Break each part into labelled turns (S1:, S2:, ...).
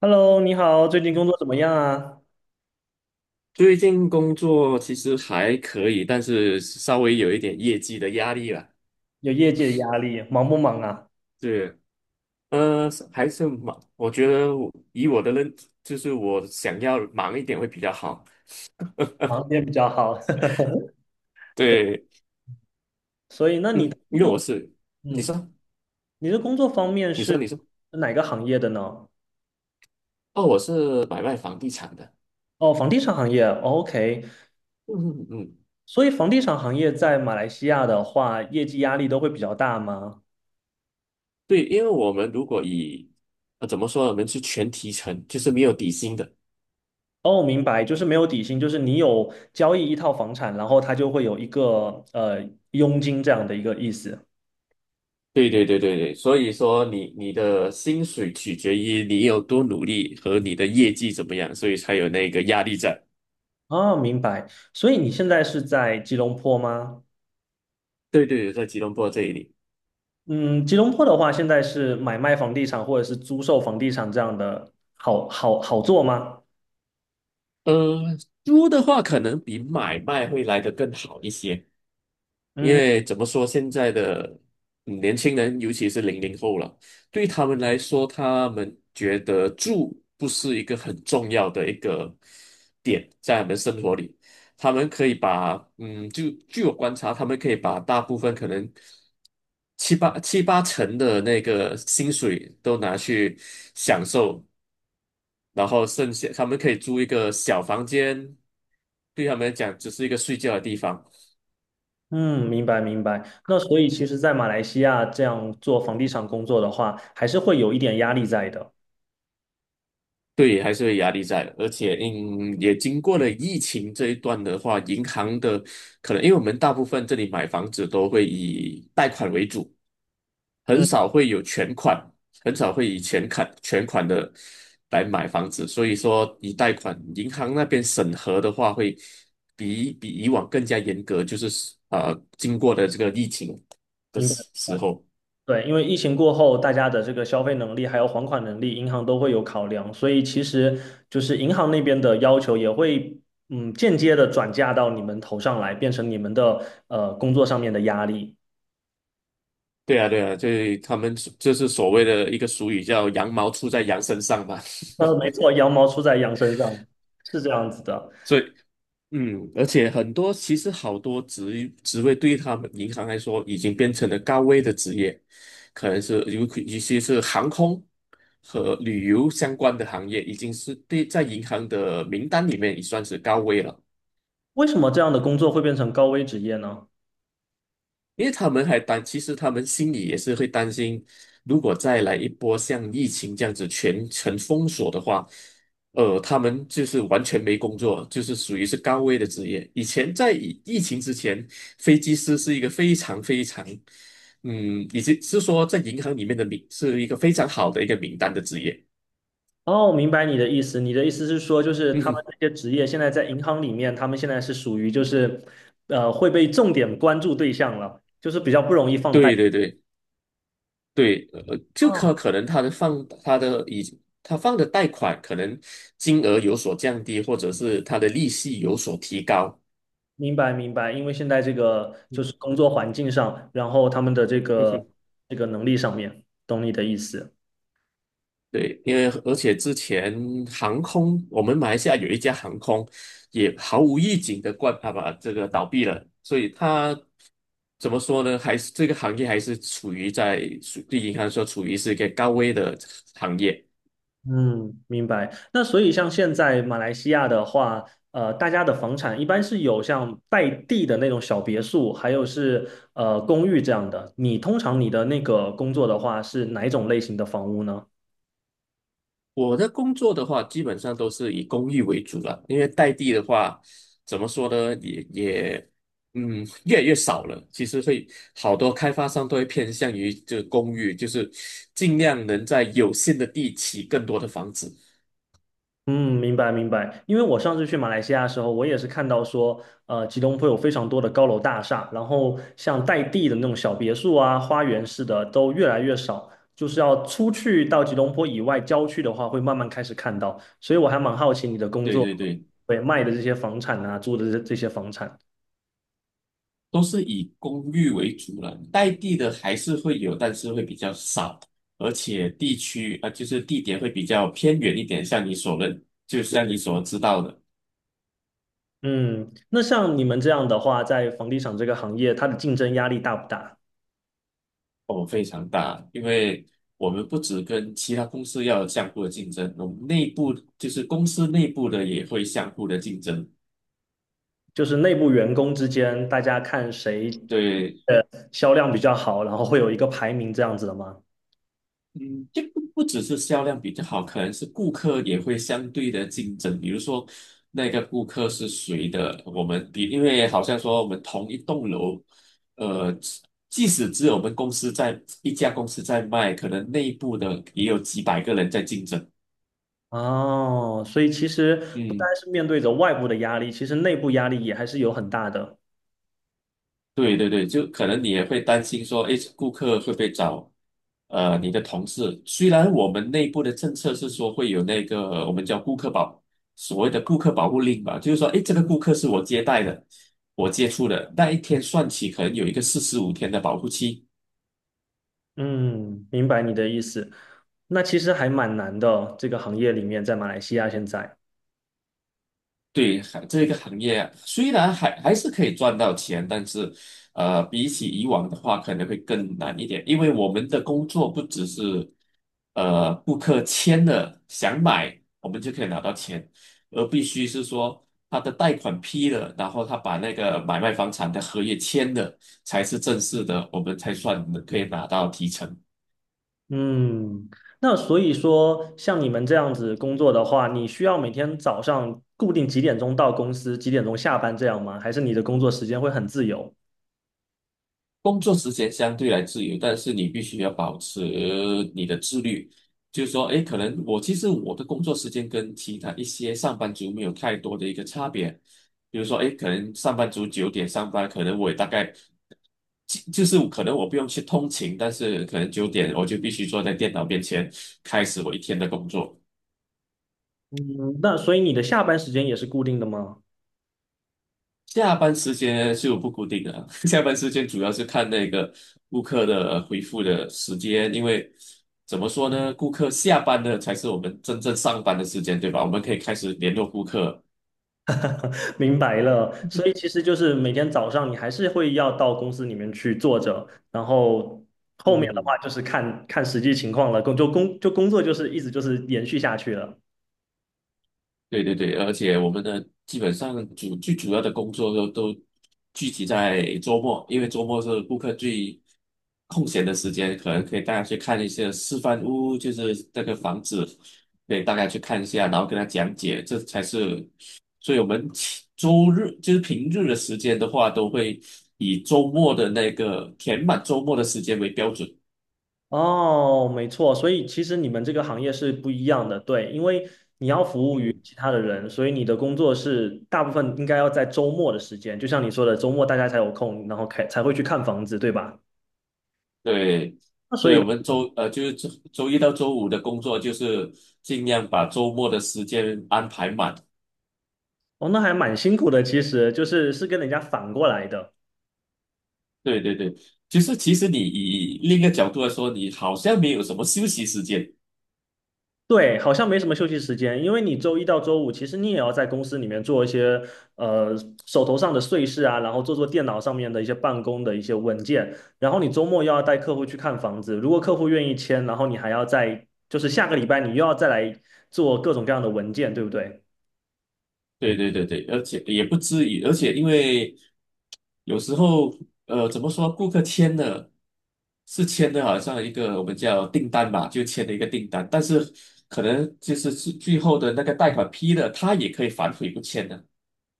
S1: Hello，你好，最近工作怎么样啊？
S2: 最近工作其实还可以，但是稍微有一点业绩的压力了。
S1: 有业绩的压力，忙不忙啊？
S2: 对，还是忙，我觉得我以我的认，就是我想要忙一点会比较好。
S1: 忙也比较好。对，
S2: 对，
S1: 所以那
S2: 嗯，
S1: 你的工
S2: 因为我
S1: 作，
S2: 是，你
S1: 嗯，
S2: 说，
S1: 你的工作方面
S2: 你说，
S1: 是
S2: 你说，
S1: 哪个行业的呢？
S2: 哦，我是买卖房地产的。
S1: 哦，房地产行业。哦 OK，
S2: 嗯嗯，嗯，
S1: 所以房地产行业在马来西亚的话，业绩压力都会比较大吗？
S2: 对，因为我们如果以，怎么说呢，我们是全提成，就是没有底薪的。
S1: 哦，明白，就是没有底薪，就是你有交易一套房产，然后它就会有一个佣金这样的一个意思。
S2: 对对对对对，所以说你的薪水取决于你有多努力和你的业绩怎么样，所以才有那个压力在。
S1: 啊，明白。所以你现在是在吉隆坡吗？
S2: 对对，对，在吉隆坡这里，
S1: 嗯，吉隆坡的话，现在是买卖房地产或者是租售房地产这样的好做吗？
S2: 呃，租的话可能比买卖会来得更好一些，因
S1: 嗯
S2: 为怎么说，现在的年轻人，尤其是00后了，对他们来说，他们觉得住不是一个很重要的一个点，在他们生活里，他们可以把就据我观察，他们可以把大部分可能七八成的那个薪水都拿去享受，然后剩下他们可以租一个小房间，对他们来讲只是一个睡觉的地方。
S1: 嗯，明白明白。那所以其实，在马来西亚这样做房地产工作的话，还是会有一点压力在的。
S2: 对，还是会压力在，而且也经过了疫情这一段的话，银行的可能，因为我们大部分这里买房子都会以贷款为主，很
S1: 嗯，
S2: 少会有全款，很少会以全款的来买房子，所以说以贷款，银行那边审核的话会比以往更加严格，就是经过的这个疫情的
S1: 明白。
S2: 时候，
S1: 对，因为疫情过后，大家的这个消费能力还有还款能力，银行都会有考量，所以其实就是银行那边的要求也会，嗯，间接的转嫁到你们头上来，变成你们的工作上面的压力。
S2: 对啊，对啊，就是他们就是所谓的一个俗语叫"羊毛出在羊身上"嘛。
S1: 呃，没错，羊毛出在羊身上，是这样子的。
S2: 所以而且很多其实好多职位对于他们银行来说已经变成了高危的职业，可能是有一些是航空和旅游相关的行业，已经是对在银行的名单里面已算是高危了。
S1: 为什么这样的工作会变成高危职业呢？
S2: 因为他们还担，其实他们心里也是会担心，如果再来一波像疫情这样子全城封锁的话，他们就是完全没工作，就是属于是高危的职业。以前在疫情之前，飞机师是一个非常非常，以及是说在银行里面的名是一个非常好的一个名单的职业。
S1: 哦，明白你的意思。你的意思是说，就是
S2: 嗯
S1: 他们
S2: 哼，
S1: 这些职业现在在银行里面，他们现在是属于就是，呃，会被重点关注对象了，就是比较不容易放
S2: 对
S1: 贷。
S2: 对对。对，就可
S1: 哦，
S2: 可能他的放他的已他放的贷款可能金额有所降低，或者是他的利息有所提高。
S1: 明白明白。因为现在这个就是
S2: 嗯
S1: 工作环境上，然后他们的这
S2: 嗯
S1: 个
S2: 哼，
S1: 这个能力上面，懂你的意思。
S2: 对，因为而且之前航空，我们马来西亚有一家航空也毫无预警的关啊把这个倒闭了，所以它怎么说呢？还是这个行业还是处于在对银行说处于是一个高危的行业。
S1: 嗯，明白。那所以像现在马来西亚的话，呃，大家的房产一般是有像带地的那种小别墅，还有是公寓这样的。你通常你的那个工作的话是哪一种类型的房屋呢？
S2: 我的工作的话，基本上都是以公寓为主了，因为代地的话，怎么说呢，也，越来越少了。其实会好多开发商都会偏向于这公寓，就是尽量能在有限的地起更多的房子。
S1: 嗯，明白明白。因为我上次去马来西亚的时候，我也是看到说，呃，吉隆坡有非常多的高楼大厦，然后像带地的那种小别墅啊、花园式的都越来越少，就是要出去到吉隆坡以外郊区的话，会慢慢开始看到。所以我还蛮好奇你的工
S2: 对
S1: 作，
S2: 对对，
S1: 对，卖的这些房产啊，租的这些房产。
S2: 都是以公寓为主了，代地的还是会有，但是会比较少，而且地区啊，就是地点会比较偏远一点，像你所认，就像你所知道的。
S1: 嗯，那像你们这样的话，在房地产这个行业，它的竞争压力大不大？
S2: 哦，非常大，因为我们不只跟其他公司要有相互的竞争，我们内部就是公司内部的也会相互的竞争。
S1: 就是内部员工之间，大家看谁
S2: 对，
S1: 呃销量比较好，然后会有一个排名这样子的吗？
S2: 嗯，就不只是销量比较好，可能是顾客也会相对的竞争。比如说那个顾客是谁的，我们比，因为好像说我们同一栋楼，呃，即使只有我们公司在一家公司在卖，可能内部的也有几百个人在竞争。
S1: 哦，所以其实不单
S2: 嗯。
S1: 是面对着外部的压力，其实内部压力也还是有很大的。
S2: 对对对，就可能你也会担心说，诶，顾客会不会找你的同事？虽然我们内部的政策是说会有那个我们叫顾客保，所谓的顾客保护令吧，就是说，诶，这个顾客是我接待的，我接触的，那一天算起可能有一个45天的保护期。
S1: 嗯，明白你的意思。那其实还蛮难的，这个行业里面在马来西亚现在。
S2: 对，还这个行业啊虽然还是可以赚到钱，但是，比起以往的话，可能会更难一点，因为我们的工作不只是，顾客签了想买，我们就可以拿到钱，而必须是说他的贷款批了，然后他把那个买卖房产的合约签了，才是正式的，我们才算可以拿到提成。
S1: 嗯，那所以说，像你们这样子工作的话，你需要每天早上固定几点钟到公司，几点钟下班这样吗？还是你的工作时间会很自由？
S2: 工作时间相对来自由，但是你必须要保持你的自律。就是说，诶，可能我其实我的工作时间跟其他一些上班族没有太多的一个差别。比如说，诶，可能上班族九点上班，可能我也大概就是可能我不用去通勤，但是可能九点我就必须坐在电脑面前开始我一天的工作。
S1: 嗯，那所以你的下班时间也是固定的吗？
S2: 下班时间就不固定的啊，下班时间主要是看那个顾客的回复的时间，因为怎么说呢，顾客下班的才是我们真正上班的时间，对吧？我们可以开始联络顾客。
S1: 明白了，所以其实就是每天早上你还是会要到公司里面去坐着，然后后
S2: 嗯
S1: 面的
S2: 哼。
S1: 话就是看看实际情况了，工作就是一直就是延续下去了。
S2: 对对对，而且我们的基本上主要的工作都聚集在周末，因为周末是顾客最空闲的时间，可能可以带他去看一些示范屋，就是那个房子，可以大家去看一下，然后跟他讲解，这才是。所以我们其周日就是平日的时间的话，都会以周末的那个填满周末的时间为标准。
S1: 哦，没错，所以其实你们这个行业是不一样的，对，因为你要服务于
S2: 嗯
S1: 其他的人，所以你的工作是大部分应该要在周末的时间，就像你说的，周末大家才有空，然后开才会去看房子，对吧？
S2: 对，
S1: 那所
S2: 对，
S1: 以
S2: 我们就是周一到周五的工作，就是尽量把周末的时间安排满。
S1: 哦，那还蛮辛苦的，其实就是跟人家反过来的。
S2: 对对对，就是其实你以另一个角度来说，你好像没有什么休息时间。
S1: 对，好像没什么休息时间，因为你周一到周五，其实你也要在公司里面做一些呃手头上的碎事啊，然后做电脑上面的一些办公的一些文件，然后你周末又要带客户去看房子，如果客户愿意签，然后你还要再就是下个礼拜你又要再来做各种各样的文件，对不对？
S2: 对对对对，而且也不至于，而且因为有时候怎么说，顾客签了是签的，好像一个我们叫订单吧，就签了一个订单，但是可能就是最后的那个贷款批了，他也可以反悔不签的。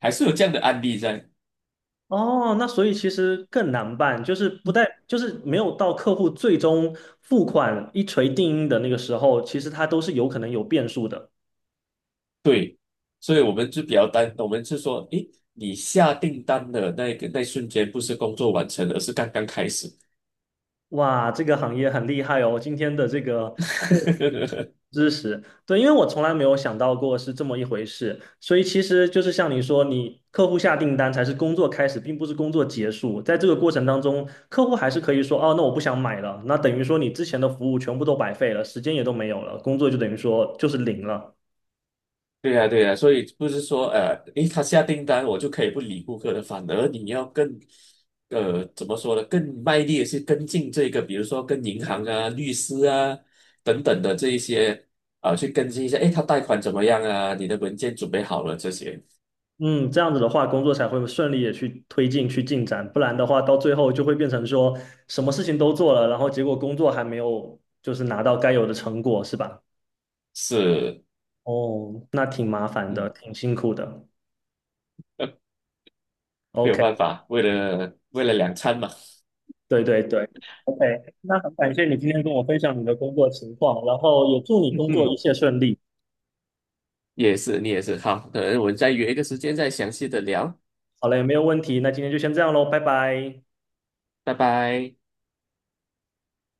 S2: 还是有这样的案例在。
S1: 哦，那所以其实更难办，就是不带，就是没有到客户最终付款一锤定音的那个时候，其实它都是有可能有变数的。
S2: 对，所以我们就比较担，我们是说，诶，你下订单的那个那瞬间，不是工作完成，而是刚刚开始。
S1: 哇，这个行业很厉害哦！今天的这个哦知识，对，因为我从来没有想到过是这么一回事，所以其实就是像你说，你客户下订单才是工作开始，并不是工作结束。在这个过程当中，客户还是可以说，哦，那我不想买了，那等于说你之前的服务全部都白费了，时间也都没有了，工作就等于说就是零了。
S2: 对呀，对呀，所以不是说，诶，他下订单我就可以不理顾客了，反而你要更，怎么说呢？更卖力的去跟进这个，比如说跟银行啊、律师啊等等的这一些啊、去跟进一下，诶，他贷款怎么样啊？你的文件准备好了这些
S1: 嗯，这样子的话，工作才会顺利的去推进、去进展，不然的话，到最后就会变成说什么事情都做了，然后结果工作还没有就是拿到该有的成果，是吧？
S2: 是，
S1: 哦，那挺麻烦的，
S2: 嗯，
S1: 挺辛苦的。
S2: 呃没有
S1: OK，
S2: 办法，为了两餐嘛。
S1: 对对对，OK，那很感谢你今 天跟我分享你的工作情况，然后也祝你
S2: 嗯
S1: 工作一
S2: 哼
S1: 切顺利。
S2: 也是，你也是。好，可能我们再约一个时间再详细的聊，
S1: 好嘞，没有问题，那今天就先这样喽，拜拜。
S2: 拜拜。